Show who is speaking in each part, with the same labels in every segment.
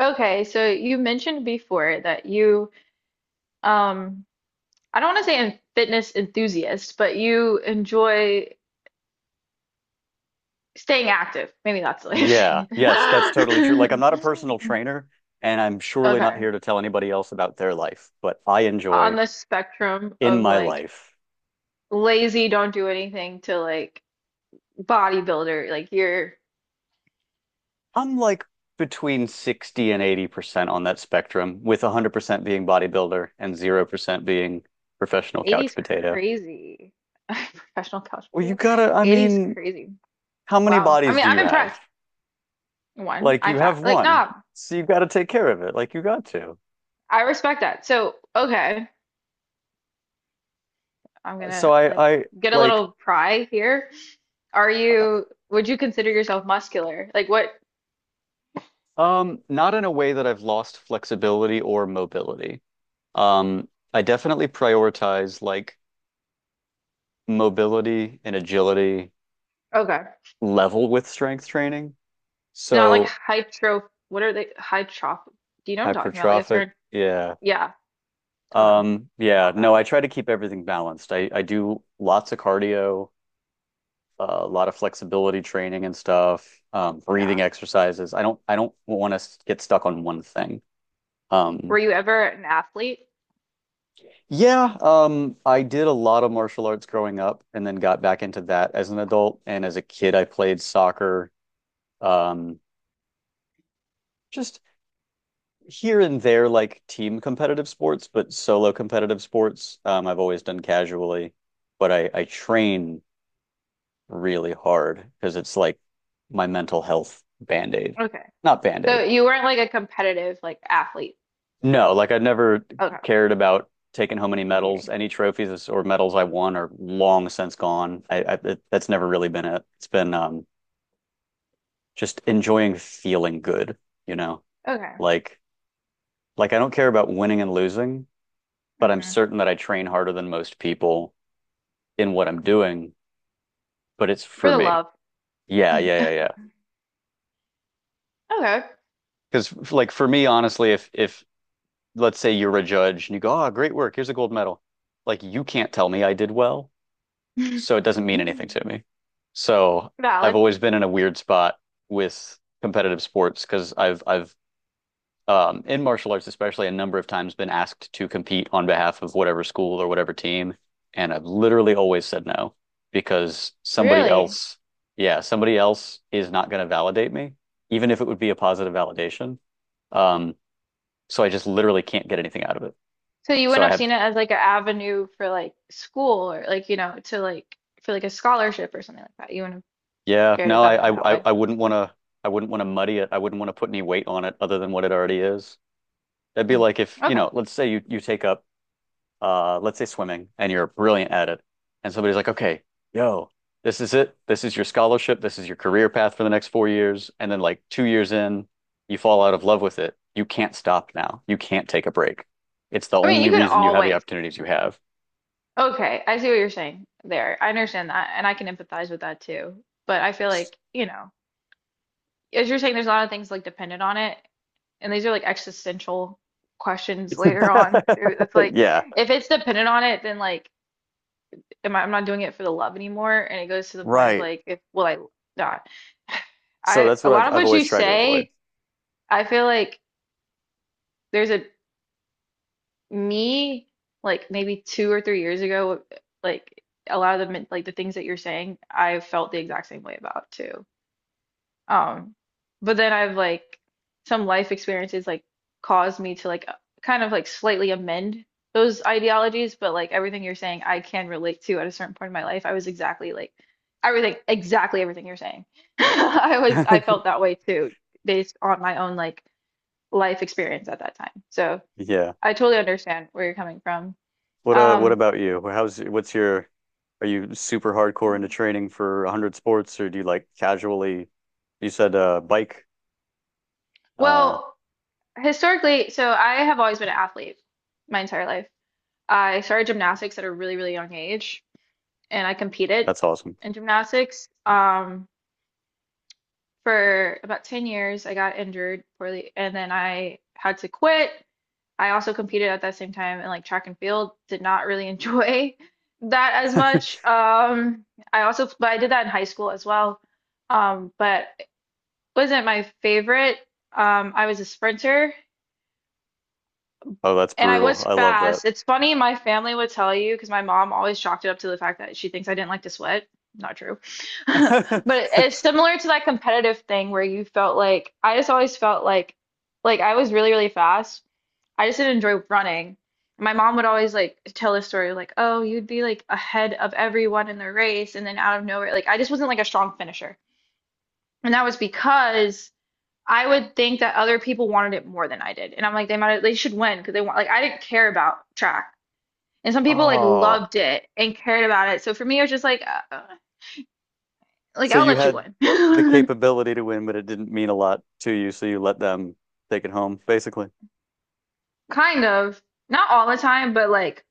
Speaker 1: Okay, so you mentioned before that you, um, I don't want to say a fitness enthusiast, but you enjoy staying active. Maybe that's the way of
Speaker 2: Yeah,
Speaker 1: saying
Speaker 2: yes, that's totally true. Like, I'm
Speaker 1: it.
Speaker 2: not a personal trainer, and I'm surely not
Speaker 1: Okay,
Speaker 2: here to tell anybody else about their life, but I
Speaker 1: on
Speaker 2: enjoy
Speaker 1: the spectrum
Speaker 2: in
Speaker 1: of
Speaker 2: my
Speaker 1: like
Speaker 2: life,
Speaker 1: lazy, don't do anything to like bodybuilder, like you're
Speaker 2: I'm like between 60 and 80% on that spectrum, with 100% being bodybuilder and 0% being professional couch
Speaker 1: 80's
Speaker 2: potato.
Speaker 1: crazy. Professional couch
Speaker 2: Well, you
Speaker 1: potato.
Speaker 2: gotta, I
Speaker 1: 80's
Speaker 2: mean,
Speaker 1: crazy.
Speaker 2: how many
Speaker 1: Wow. I
Speaker 2: bodies
Speaker 1: mean,
Speaker 2: do
Speaker 1: I'm
Speaker 2: you have?
Speaker 1: impressed. One,
Speaker 2: Like,
Speaker 1: I
Speaker 2: you
Speaker 1: fat.
Speaker 2: have
Speaker 1: Like,
Speaker 2: one,
Speaker 1: no,
Speaker 2: so you gotta take care of it. Like, you got to.
Speaker 1: I respect that. So, okay. I'm
Speaker 2: So,
Speaker 1: gonna
Speaker 2: I,
Speaker 1: like
Speaker 2: I
Speaker 1: get a
Speaker 2: like,
Speaker 1: little pry here. Are you, would you consider yourself muscular? Like what?
Speaker 2: Not in a way that I've lost flexibility or mobility. I definitely prioritize like mobility and agility
Speaker 1: Okay.
Speaker 2: level with strength training.
Speaker 1: Not like
Speaker 2: So
Speaker 1: hypertroph, what are they? Hypertroph. Do you know what I'm talking about? Like a
Speaker 2: hypertrophic,
Speaker 1: certain,
Speaker 2: yeah.
Speaker 1: yeah. Oh,
Speaker 2: Yeah,
Speaker 1: not
Speaker 2: no,
Speaker 1: that.
Speaker 2: I try to keep everything balanced. I do lots of cardio, a lot of flexibility training and stuff, breathing
Speaker 1: Yeah.
Speaker 2: exercises. I don't want to get stuck on one thing.
Speaker 1: Were
Speaker 2: Um,
Speaker 1: you ever an athlete?
Speaker 2: Yeah, I did a lot of martial arts growing up and then got back into that as an adult. And as a kid, I played soccer, um, just here and there, like team competitive sports, but solo competitive sports, I've always done casually. But I train really hard because it's like my mental health band-aid.
Speaker 1: Okay.
Speaker 2: Not
Speaker 1: So
Speaker 2: band-aid.
Speaker 1: you weren't like a competitive like athlete for
Speaker 2: No,
Speaker 1: real.
Speaker 2: like I've never
Speaker 1: Okay.
Speaker 2: cared about taking home any medals.
Speaker 1: Competing.
Speaker 2: Any trophies or medals I won are long since gone. I it, that's never really been it. It's been just enjoying feeling good, you know.
Speaker 1: Okay.
Speaker 2: Like like I don't care about winning and losing, but I'm
Speaker 1: Hmm.
Speaker 2: certain that I train harder than most people in what I'm doing, but it's
Speaker 1: For
Speaker 2: for
Speaker 1: the
Speaker 2: me.
Speaker 1: love.
Speaker 2: Yeah, yeah, yeah, yeah.
Speaker 1: Okay.
Speaker 2: Because like for me, honestly, if let's say you're a judge and you go, "Oh, great work. Here's a gold medal." Like you can't tell me I did well, so it doesn't mean anything to me. So I've
Speaker 1: Valid.
Speaker 2: always been in a weird spot with competitive sports because I've in martial arts especially a number of times been asked to compete on behalf of whatever school or whatever team, and I've literally always said no because somebody
Speaker 1: Really?
Speaker 2: else, yeah, somebody else is not going to validate me, even if it would be a positive validation. Um, so I just literally can't get anything out of it.
Speaker 1: So you
Speaker 2: So
Speaker 1: wouldn't
Speaker 2: I
Speaker 1: have
Speaker 2: have.
Speaker 1: seen it as like an avenue for like school or like, to like for like a scholarship or something like that. You wouldn't have
Speaker 2: Yeah,
Speaker 1: cared
Speaker 2: no,
Speaker 1: about it
Speaker 2: I,
Speaker 1: in that
Speaker 2: I, I
Speaker 1: way.
Speaker 2: I wouldn't want to, I wouldn't want to muddy it. I wouldn't want to put any weight on it other than what it already is. That'd be
Speaker 1: Mm.
Speaker 2: like if, you
Speaker 1: Okay.
Speaker 2: know, let's say you take up, let's say swimming and you're brilliant at it. And somebody's like, okay, yo, this is it. This is your scholarship. This is your career path for the next 4 years. And then like 2 years in, you fall out of love with it. You can't stop now. You can't take a break. It's the
Speaker 1: I mean, you
Speaker 2: only
Speaker 1: could
Speaker 2: reason you have the
Speaker 1: always.
Speaker 2: opportunities you have.
Speaker 1: Okay, I see what you're saying there. I understand that and I can empathize with that too. But I feel like, as you're saying, there's a lot of things like dependent on it, and these are like existential questions later on too. It's like
Speaker 2: Yeah,
Speaker 1: if it's dependent on it, then like I'm not doing it for the love anymore. And it goes to the point of
Speaker 2: right.
Speaker 1: like, if will I not?
Speaker 2: So
Speaker 1: I
Speaker 2: that's
Speaker 1: A
Speaker 2: what I've,
Speaker 1: lot of
Speaker 2: I've
Speaker 1: what
Speaker 2: always
Speaker 1: you
Speaker 2: tried to avoid.
Speaker 1: say, I feel like there's a me like maybe 2 or 3 years ago, like a lot of the things that you're saying, I felt the exact same way about too. Um, but then I've like some life experiences like caused me to like kind of like slightly amend those ideologies, but like everything you're saying, I can relate to at a certain point in my life. I was exactly like everything, exactly everything you're saying. I felt that way too, based on my own like life experience at that time. So
Speaker 2: Yeah.
Speaker 1: I totally understand where you're coming from.
Speaker 2: What
Speaker 1: Um,
Speaker 2: about you? How's what's your are you super hardcore into training for 100 sports or do you like casually you said bike uh
Speaker 1: well, historically, so I have always been an athlete my entire life. I started gymnastics at a really, really young age, and I competed
Speaker 2: that's awesome.
Speaker 1: in gymnastics for about 10 years. I got injured poorly, and then I had to quit. I also competed at that same time in like track and field. Did not really enjoy that as much. But I did that in high school as well. But it wasn't my favorite. I was a sprinter,
Speaker 2: Oh, that's
Speaker 1: and I
Speaker 2: brutal.
Speaker 1: was
Speaker 2: I love that.
Speaker 1: fast. It's funny, my family would tell you because my mom always chalked it up to the fact that she thinks I didn't like to sweat. Not true. But it's similar to that competitive thing where you felt like I just always felt like I was really, really fast. I just didn't enjoy running. My mom would always like tell this story like, "Oh, you'd be like ahead of everyone in the race and then out of nowhere." Like I just wasn't like a strong finisher. And that was because I would think that other people wanted it more than I did. And I'm like, they should win because they want like I didn't care about track. And some people like
Speaker 2: Oh,
Speaker 1: loved it and cared about it. So for me, it was just like
Speaker 2: so
Speaker 1: I'll
Speaker 2: you
Speaker 1: let you
Speaker 2: had the
Speaker 1: win.
Speaker 2: capability to win, but it didn't mean a lot to you, so you let them take it home, basically.
Speaker 1: Kind of. Not all the time, but like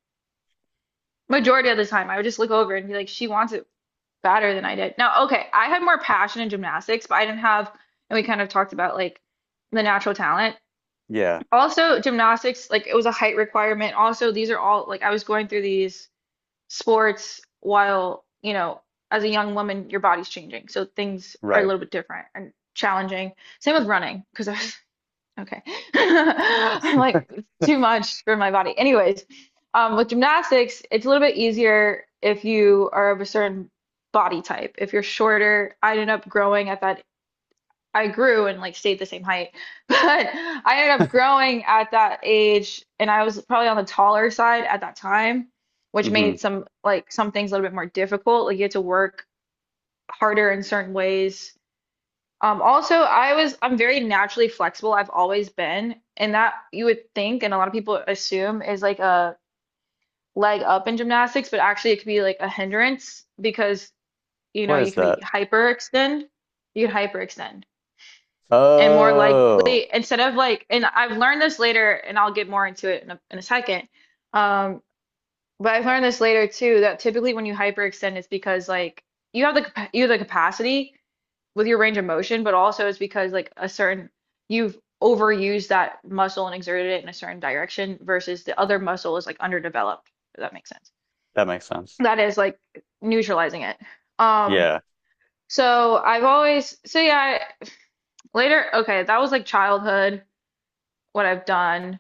Speaker 1: majority of the time, I would just look over and be like, she wants it better than I did. Now, okay, I had more passion in gymnastics, but I didn't have, and we kind of talked about like the natural talent.
Speaker 2: Yeah,
Speaker 1: Also, gymnastics, like it was a height requirement. Also, these are all like I was going through these sports while, as a young woman, your body's changing. So things are a
Speaker 2: right.
Speaker 1: little bit different and challenging. Same with running, because okay. I'm like, it's too much for my body. Anyways, with gymnastics, it's a little bit easier if you are of a certain body type. If you're shorter, I ended up growing at that I grew and like stayed the same height, but I ended up growing at that age, and I was probably on the taller side at that time, which
Speaker 2: Mm-hmm.
Speaker 1: made some things a little bit more difficult. Like you had to work harder in certain ways. Also, I'm very naturally flexible. I've always been, and that you would think, and a lot of people assume is like a leg up in gymnastics, but actually it could be like a hindrance because you know
Speaker 2: What is that?
Speaker 1: you could hyperextend. And more
Speaker 2: Oh,
Speaker 1: likely instead of like and I've learned this later and I'll get more into it in a second, um but I've learned this later too that typically when you hyperextend it's because like you have the you have the capacity with your range of motion, but also it's because like a certain you've overused that muscle and exerted it in a certain direction versus the other muscle is like underdeveloped, if that makes sense,
Speaker 2: that makes sense.
Speaker 1: that is like neutralizing it. um
Speaker 2: Yeah.
Speaker 1: so I've always, so yeah, later, okay, that was like childhood, what I've done.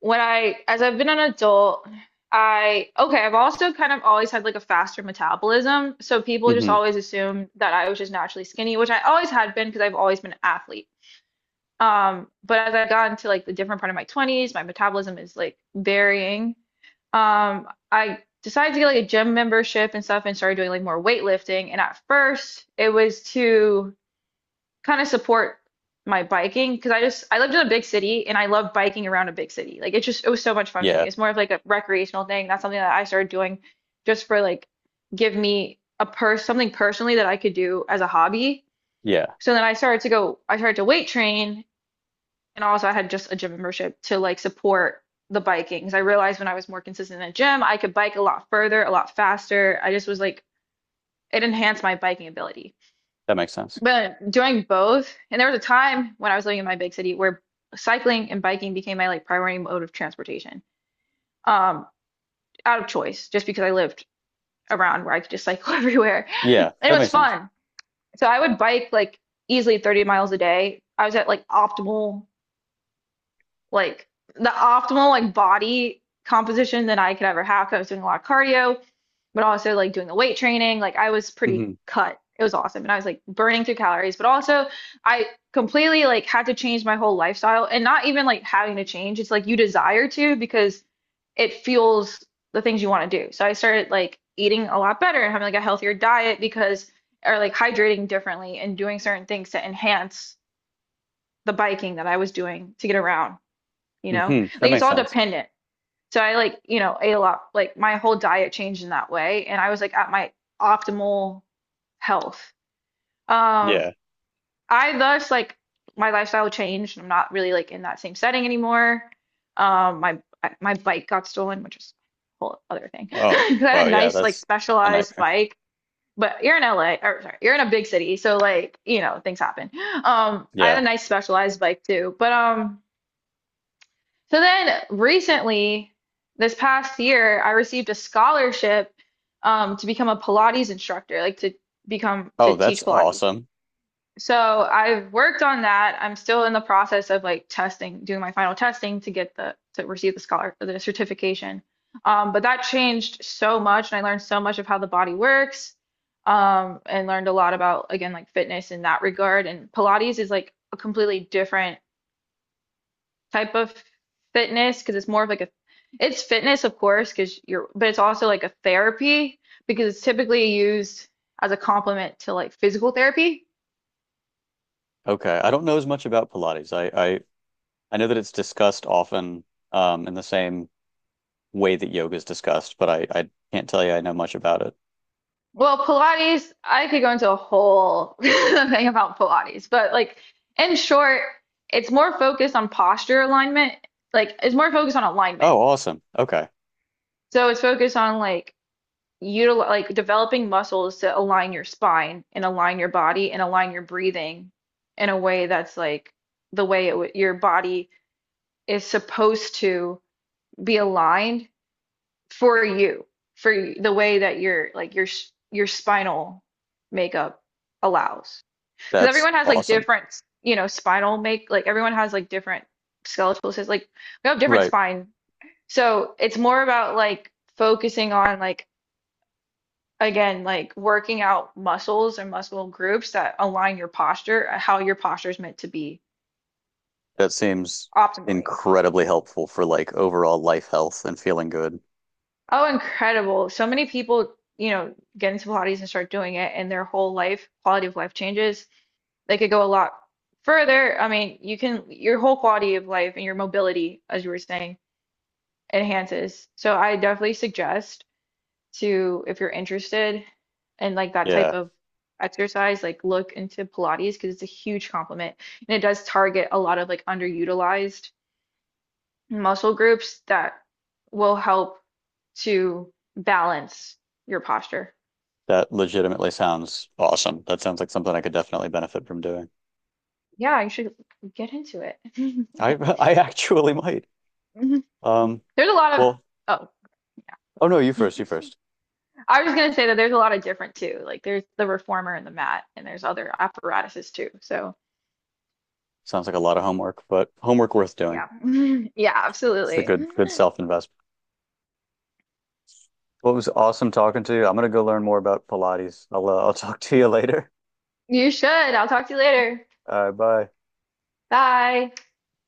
Speaker 1: As I've been an adult, okay, I've also kind of always had like a faster metabolism. So people just
Speaker 2: Mm-hmm.
Speaker 1: always assume that I was just naturally skinny, which I always had been because I've always been an athlete. But as I got into like the different part of my 20s, my metabolism is like varying. Um, I decided to get like a gym membership and stuff and started doing like more weightlifting. And at first, it was to kind of support my biking because I lived in a big city and I love biking around a big city. Like it was so much fun for
Speaker 2: Yeah.
Speaker 1: me. It's more of like a recreational thing. That's something that I started doing just for like give me a purse something personally that I could do as a hobby.
Speaker 2: Yeah.
Speaker 1: So then I started to weight train, and also I had just a gym membership to like support the biking. 'Cause I realized when I was more consistent in the gym, I could bike a lot further, a lot faster. I just was like it enhanced my biking ability.
Speaker 2: That makes sense.
Speaker 1: But doing both, and there was a time when I was living in my big city where cycling and biking became my like primary mode of transportation, um, out of choice, just because I lived around where I could just cycle everywhere. And
Speaker 2: Yeah,
Speaker 1: it
Speaker 2: that
Speaker 1: was
Speaker 2: makes sense.
Speaker 1: fun. So I would bike like easily 30 miles a day. I was at like optimal like the optimal like body composition that I could ever have. I was doing a lot of cardio, but also like doing the weight training. Like I was pretty
Speaker 2: Hmm.
Speaker 1: cut. It was awesome. And I was like burning through calories, but also I completely like had to change my whole lifestyle and not even like having to change. It's like you desire to because it fuels the things you want to do. So I started like eating a lot better and having like a healthier diet because or like hydrating differently and doing certain things to enhance the biking that I was doing to get around, you know?
Speaker 2: Hmm. That
Speaker 1: Like it's
Speaker 2: makes
Speaker 1: all
Speaker 2: sense.
Speaker 1: dependent. So I like, ate a lot, like my whole diet changed in that way, and I was like at my optimal health. Um,
Speaker 2: Yeah.
Speaker 1: I thus like my lifestyle changed. I'm not really like in that same setting anymore. Um, my my bike got stolen, which is a whole other thing. 'Cause
Speaker 2: Oh,
Speaker 1: I had
Speaker 2: wow.
Speaker 1: a
Speaker 2: Yeah,
Speaker 1: nice like
Speaker 2: that's a
Speaker 1: specialized
Speaker 2: nightmare.
Speaker 1: bike, but you're in LA, or sorry, you're in a big city, so like, things happen. I had
Speaker 2: Yeah.
Speaker 1: a nice specialized bike too, but. So then recently, this past year, I received a scholarship to become a Pilates instructor, like to
Speaker 2: Oh, that's
Speaker 1: teach Pilates.
Speaker 2: awesome.
Speaker 1: So I've worked on that. I'm still in the process of like testing, doing my final testing to receive the certification. But that changed so much, and I learned so much of how the body works, and learned a lot about again like fitness in that regard. And Pilates is like a completely different type of fitness because it's more of like a it's fitness of course because you're but it's also like a therapy because it's typically used as a complement to like physical therapy.
Speaker 2: Okay. I don't know as much about Pilates. I I know that it's discussed often in the same way that yoga is discussed, but I can't tell you I know much about it.
Speaker 1: Well, Pilates, I could go into a whole thing about Pilates, but like in short, it's more focused on posture alignment. Like it's more focused on alignment.
Speaker 2: Oh, awesome. Okay.
Speaker 1: So it's focused on like util like developing muscles to align your spine and align your body and align your breathing in a way that's like the way it w your body is supposed to be aligned for you, the way that your like your s- your spinal makeup allows. Because
Speaker 2: That's
Speaker 1: everyone has like
Speaker 2: awesome.
Speaker 1: different, spinal make like everyone has like different skeletal systems. Like we have different
Speaker 2: Right.
Speaker 1: spine. So it's more about like focusing on like again, like working out muscles and muscle groups that align your posture, how your posture is meant to be
Speaker 2: That seems
Speaker 1: optimally.
Speaker 2: incredibly helpful for like overall life health and feeling good.
Speaker 1: Oh, incredible. So many people, get into Pilates and start doing it, and their whole life, quality of life changes. They could go a lot further. I mean, your whole quality of life and your mobility, as you were saying, enhances. So I definitely suggest. To if you're interested in like that type
Speaker 2: Yeah.
Speaker 1: of exercise, like look into Pilates because it's a huge complement and it does target a lot of like underutilized muscle groups that will help to balance your posture.
Speaker 2: That legitimately sounds awesome. That sounds like something I could definitely benefit from doing.
Speaker 1: Yeah, you should get into it.
Speaker 2: I I actually might. Um,
Speaker 1: There's a lot of,
Speaker 2: well,
Speaker 1: oh,
Speaker 2: oh no, you first, you first.
Speaker 1: I was gonna say that there's a lot of different too. Like there's the reformer and the mat, and there's other apparatuses too. So
Speaker 2: Sounds like a lot of homework, but homework worth doing.
Speaker 1: yeah, yeah,
Speaker 2: It's a
Speaker 1: absolutely.
Speaker 2: good good self-investment. Well, it was awesome talking to you. I'm gonna go learn more about Pilates. I'll talk to you later.
Speaker 1: You should. I'll talk to you later.
Speaker 2: All right, bye.
Speaker 1: Bye.